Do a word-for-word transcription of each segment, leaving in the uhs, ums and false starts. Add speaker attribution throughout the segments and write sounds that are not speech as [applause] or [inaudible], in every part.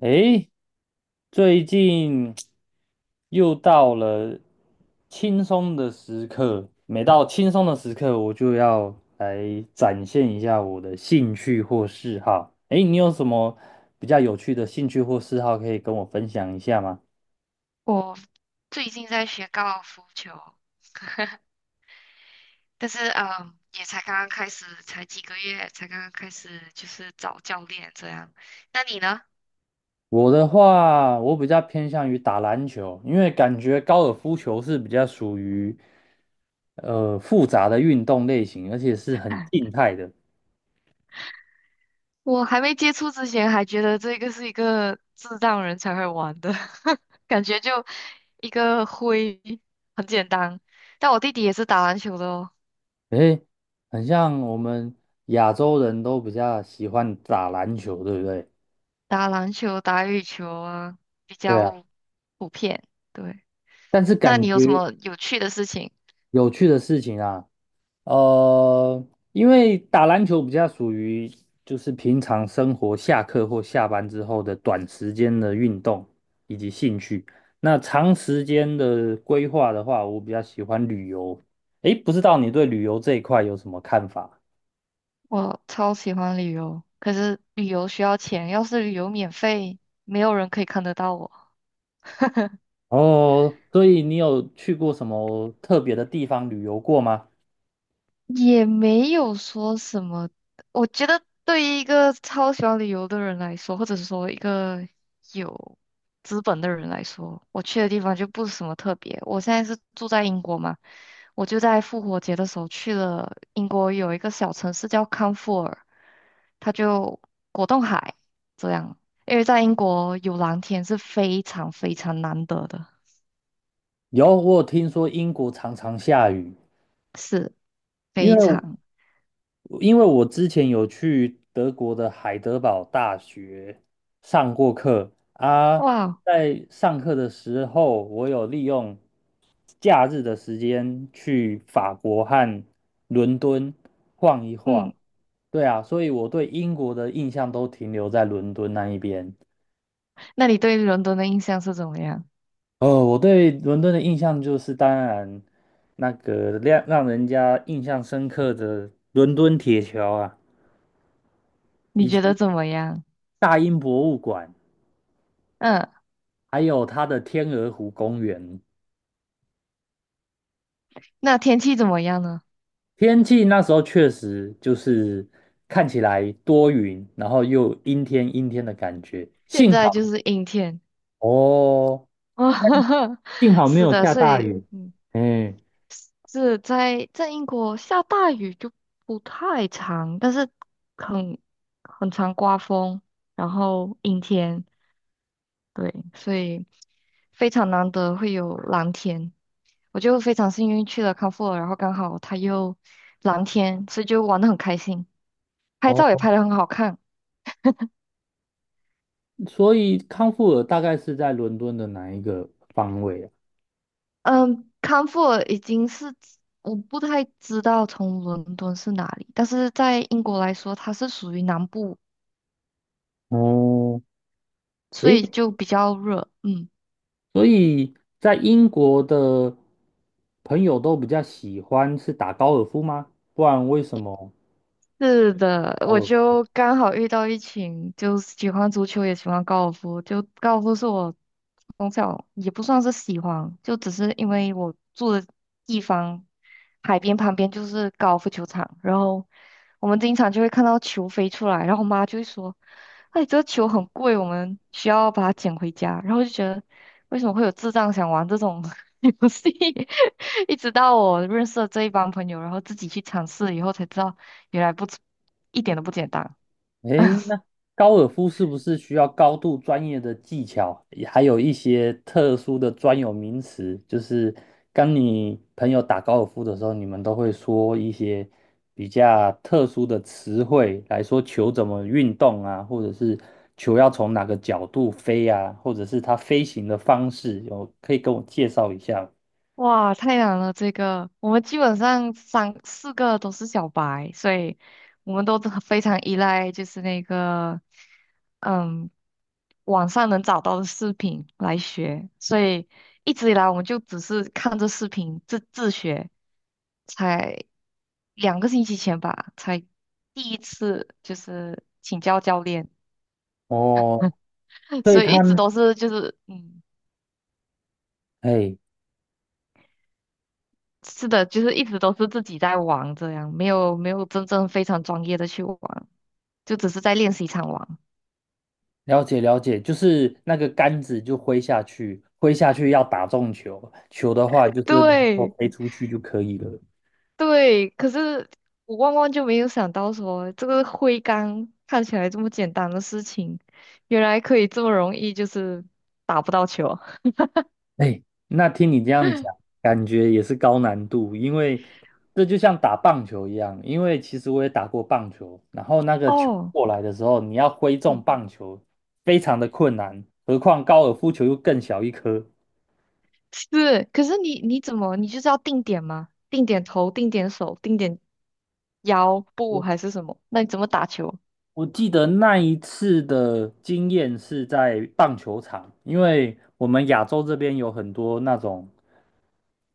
Speaker 1: 诶，最近又到了轻松的时刻，每到轻松的时刻，我就要来展现一下我的兴趣或嗜好。诶，你有什么比较有趣的兴趣或嗜好可以跟我分享一下吗？
Speaker 2: 我最近在学高尔夫球。但是嗯，也才刚刚开始，才几个月，才刚刚开始就是找教练这样。那你呢？
Speaker 1: 我的话，我比较偏向于打篮球，因为感觉高尔夫球是比较属于呃复杂的运动类型，而且是很静态的。
Speaker 2: 我还没接触之前，还觉得这个是一个智障人才会玩的，[laughs] 感觉就一个挥，很简单。但我弟弟也是打篮球的哦。
Speaker 1: 诶，很像我们亚洲人都比较喜欢打篮球，对不对？
Speaker 2: 打篮球、打羽球啊，比
Speaker 1: 对啊，
Speaker 2: 较普遍。对，
Speaker 1: 但是
Speaker 2: 那
Speaker 1: 感
Speaker 2: 你有什
Speaker 1: 觉
Speaker 2: 么有趣的事情？
Speaker 1: 有趣的事情啊，呃，因为打篮球比较属于就是平常生活下课或下班之后的短时间的运动以及兴趣。那长时间的规划的话，我比较喜欢旅游。诶，不知道你对旅游这一块有什么看法？
Speaker 2: 我超喜欢旅游，可是旅游需要钱，要是旅游免费，没有人可以看得到我。[laughs]
Speaker 1: 哦，所以你有去过什么特别的地方旅游过吗？
Speaker 2: 也没有说什么。我觉得对于一个超喜欢旅游的人来说，或者是说一个有资本的人来说，我去的地方就不是什么特别。我现在是住在英国嘛，我就在复活节的时候去了英国有一个小城市叫康沃尔，它就果冻海这样。因为在英国有蓝天是非常非常难得的，
Speaker 1: 有，我有听说英国常常下雨，因为
Speaker 2: 非常
Speaker 1: 因为我之前有去德国的海德堡大学上过课啊，
Speaker 2: 哇。
Speaker 1: 在上课的时候，我有利用假日的时间去法国和伦敦晃一
Speaker 2: 嗯，
Speaker 1: 晃。对啊，所以我对英国的印象都停留在伦敦那一边。
Speaker 2: 那你对伦敦的印象是怎么样？
Speaker 1: 哦，我对伦敦的印象就是，当然那个让让人家印象深刻的伦敦铁桥啊，
Speaker 2: 你
Speaker 1: 以
Speaker 2: 觉
Speaker 1: 及
Speaker 2: 得怎么样？
Speaker 1: 大英博物馆，
Speaker 2: 嗯，
Speaker 1: 还有它的天鹅湖公园。
Speaker 2: 那天气怎么样呢？
Speaker 1: 天气那时候确实就是看起来多云，然后又阴天阴天的感觉。
Speaker 2: 现
Speaker 1: 幸
Speaker 2: 在
Speaker 1: 好
Speaker 2: 就是阴天。
Speaker 1: [laughs] 哦，
Speaker 2: 哦，[laughs]
Speaker 1: 幸好没
Speaker 2: 是
Speaker 1: 有
Speaker 2: 的，
Speaker 1: 下
Speaker 2: 所
Speaker 1: 大
Speaker 2: 以
Speaker 1: 雨。
Speaker 2: 嗯，
Speaker 1: 哎，
Speaker 2: 是在在英国下大雨就不太常，但是很很常刮风，然后阴天，对，所以非常难得会有蓝天。我就非常幸运去了康沃尔，然后刚好它又蓝天，所以就玩得很开心，拍
Speaker 1: 哦，
Speaker 2: 照也拍得很好看。
Speaker 1: 所以康沃尔大概是在伦敦的哪一个方位啊？
Speaker 2: 嗯，康沃尔已经是我不太知道从伦敦是哪里，但是在英国来说，它是属于南部，
Speaker 1: 哦，
Speaker 2: 所
Speaker 1: 诶，
Speaker 2: 以就比较热。嗯。
Speaker 1: 所以在英国的朋友都比较喜欢是打高尔夫吗？不然为什么
Speaker 2: 是的，
Speaker 1: 高
Speaker 2: 我
Speaker 1: 尔
Speaker 2: 就刚好遇到一群就是喜欢足球也喜欢高尔夫，就高尔夫是我从小也不算是喜欢，就只是因为我住的地方海边旁边就是高尔夫球场，然后我们经常就会看到球飞出来，然后我妈就会说："哎，这个球很贵，我们需要把它捡回家。"然后就觉得为什么会有智障想玩这种 [laughs] 游戏？[laughs] 一直到我认识了这一帮朋友，然后自己去尝试以后才知道。原来不简，一点都不简单。
Speaker 1: 诶，那高尔夫是不是需要高度专业的技巧，也还有一些特殊的专有名词？就是跟你朋友打高尔夫的时候，你们都会说一些比较特殊的词汇来说球怎么运动啊，或者是球要从哪个角度飞啊，或者是它飞行的方式，有可以跟我介绍一下吗？
Speaker 2: 哇，太难了！这个我们基本上三四个都是小白，所以我们都很非常依赖就是那个，嗯，网上能找到的视频来学，所以一直以来我们就只是看着视频自自学，才两个星期前吧，才第一次就是请教教练，
Speaker 1: 哦，
Speaker 2: [laughs]
Speaker 1: 所以
Speaker 2: 所以
Speaker 1: 它，
Speaker 2: 一直都是就是嗯。
Speaker 1: 哎，
Speaker 2: 是的，就是一直都是自己在玩这样，没有没有真正非常专业的去玩，就只是在练习场玩。
Speaker 1: 了解了解，就是那个杆子就挥下去，挥下去要打中球，球的话就是能够
Speaker 2: 对
Speaker 1: 飞出去就可以了。
Speaker 2: 对，可是我万万就没有想到说，这个挥杆看起来这么简单的事情，原来可以这么容易就是打不到球。
Speaker 1: 哎，那听你这样讲，感觉也是高难度，因为这就像打棒球一样，因为其实我也打过棒球，然后那个球
Speaker 2: 哦，
Speaker 1: 过来的时候，你要挥中
Speaker 2: 嗯，
Speaker 1: 棒球，非常的困难，何况高尔夫球又更小一颗。
Speaker 2: 是，可是你你怎么，你就是要定点吗？定点头，定点手，定点腰部还是什么？那你怎么打球？
Speaker 1: 我记得那一次的经验是在棒球场，因为我们亚洲这边有很多那种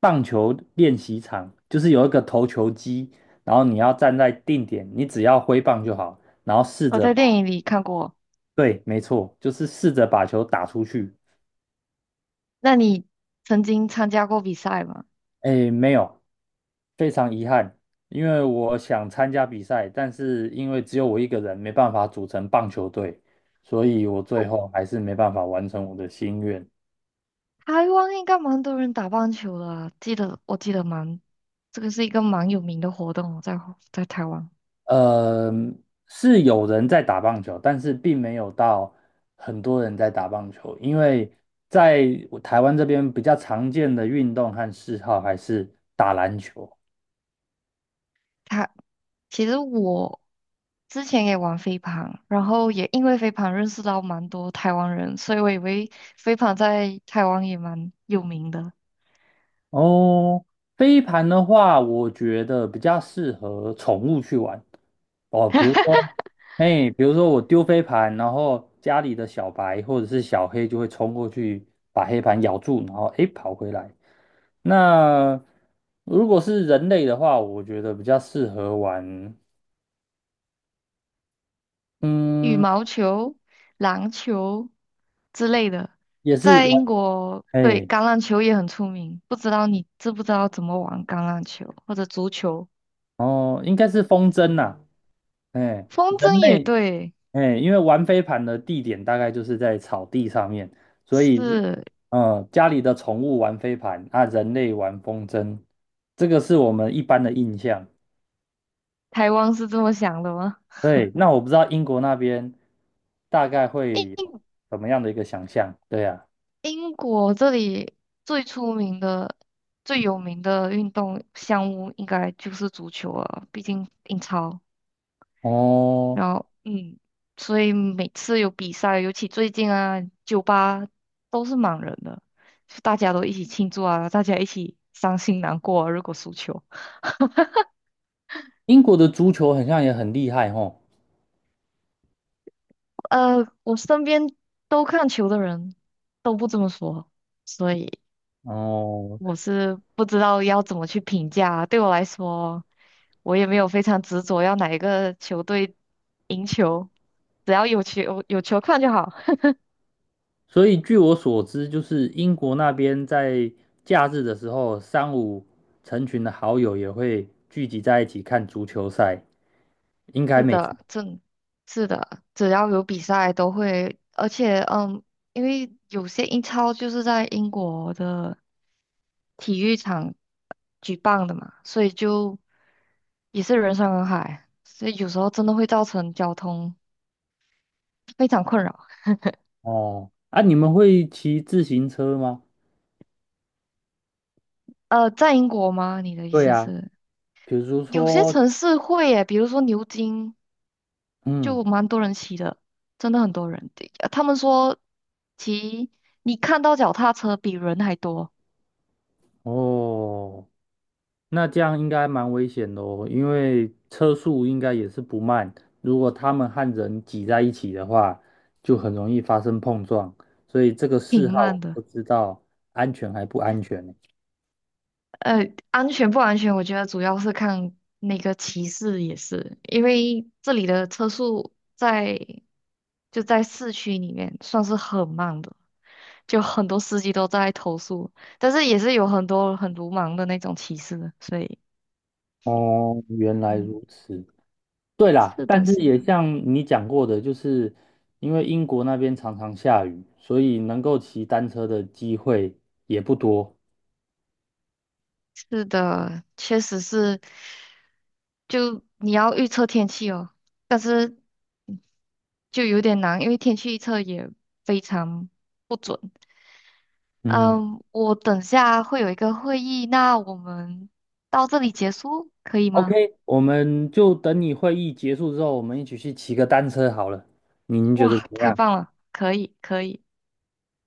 Speaker 1: 棒球练习场，就是有一个投球机，然后你要站在定点，你只要挥棒就好，然后试
Speaker 2: 我
Speaker 1: 着
Speaker 2: 在电
Speaker 1: 把，
Speaker 2: 影里看过。
Speaker 1: 对，没错，就是试着把球打出去。
Speaker 2: 那你曾经参加过比赛吗？
Speaker 1: 诶，没有，非常遗憾，因为我想参加比赛，但是因为只有我一个人，没办法组成棒球队，所以我最后还是没办法完成我的心愿。
Speaker 2: 台湾应该蛮多人打棒球的啊记得我记得蛮，这个是一个蛮有名的活动哦在在台湾。
Speaker 1: 呃，是有人在打棒球，但是并没有到很多人在打棒球，因为在我台湾这边比较常见的运动和嗜好还是打篮球。
Speaker 2: 他其实我之前也玩飞盘，然后也因为飞盘认识到蛮多台湾人，所以我以为飞盘在台湾也蛮有名的。
Speaker 1: 哦，飞盘的话，我觉得比较适合宠物去玩，哦，比如说，哎，比如说我丢飞盘，然后家里的小白或者是小黑就会冲过去把黑盘咬住，然后哎跑回来。那如果是人类的话，我觉得比较适合玩，
Speaker 2: 羽
Speaker 1: 嗯，
Speaker 2: 毛球、篮球之类的，
Speaker 1: 也是
Speaker 2: 在英
Speaker 1: 玩，
Speaker 2: 国，对，
Speaker 1: 哎，
Speaker 2: 橄榄球也很出名。不知道你知不知道怎么玩橄榄球或者足球？
Speaker 1: 哦，应该是风筝呐、哎，
Speaker 2: 风
Speaker 1: 人
Speaker 2: 筝也
Speaker 1: 类
Speaker 2: 对，
Speaker 1: 哎，因为玩飞盘的地点大概就是在草地上面，所以，
Speaker 2: 是
Speaker 1: 呃，家里的宠物玩飞盘啊，人类玩风筝，这个是我们一般的印象。
Speaker 2: 台湾是这么想的吗？
Speaker 1: 对，那我不知道英国那边大概
Speaker 2: 英
Speaker 1: 会有什么样的一个想象。对呀，
Speaker 2: 英国这里最出名的、最有名的运动项目应该就是足球了，毕竟英超。
Speaker 1: 哦，
Speaker 2: 然后嗯，所以每次有比赛，尤其最近啊，酒吧都是满人的，就大家都一起庆祝啊，大家一起伤心难过啊如果输球。
Speaker 1: 英国的足球好像也很厉害吼。
Speaker 2: 呃，我身边都看球的人都不这么说，所以
Speaker 1: 哦，
Speaker 2: 我是不知道要怎么去评价啊。对我来说，我也没有非常执着要哪一个球队赢球，只要有球有球看就好。
Speaker 1: 所以据我所知，就是英国那边在假日的时候，三五成群的好友也会聚集在一起看足球赛。应该
Speaker 2: 是
Speaker 1: 没错。
Speaker 2: 的，正是的，只要有比赛都会，而且嗯，因为有些英超就是在英国的体育场举办的嘛，所以就也是人山人海，所以有时候真的会造成交通非常困扰。
Speaker 1: 哦，啊，你们会骑自行车吗？
Speaker 2: 呃，在英国吗？你的意
Speaker 1: 对
Speaker 2: 思
Speaker 1: 呀，
Speaker 2: 是
Speaker 1: 比如
Speaker 2: 有些
Speaker 1: 说，
Speaker 2: 城市会耶，比如说牛津
Speaker 1: 嗯，
Speaker 2: 就蛮多人骑的，真的很多人。对呃他们说骑你看到脚踏车比人还多。
Speaker 1: 哦，那这样应该蛮危险的哦，因为车速应该也是不慢，如果他们和人挤在一起的话，就很容易发生碰撞，所以这个
Speaker 2: 挺
Speaker 1: 嗜好我
Speaker 2: 慢的。
Speaker 1: 不知道安全还不安全呢。
Speaker 2: 呃，安全不安全，我觉得主要是看那个骑士也是，因为这里的车速在就在市区里面算是很慢的，就很多司机都在投诉，但是也是有很多很鲁莽的那种骑士，所以
Speaker 1: 哦，原来
Speaker 2: 嗯，
Speaker 1: 如此。对啦，
Speaker 2: 是的
Speaker 1: 但是
Speaker 2: 是，
Speaker 1: 也像你讲过的，就是因为英国那边常常下雨，所以能够骑单车的机会也不多。
Speaker 2: 是的，确实是，就你要预测天气哦，但是嗯就有点难，因为天气预测也非常。不准。
Speaker 1: 嗯
Speaker 2: 嗯，我等下会有一个会议，那我们到这里结束，可以吗？
Speaker 1: ，O K，我们就等你会议结束之后，我们一起去骑个单车好了。您觉得
Speaker 2: 哇，
Speaker 1: 怎么
Speaker 2: 太
Speaker 1: 样？
Speaker 2: 棒了，可以，可以。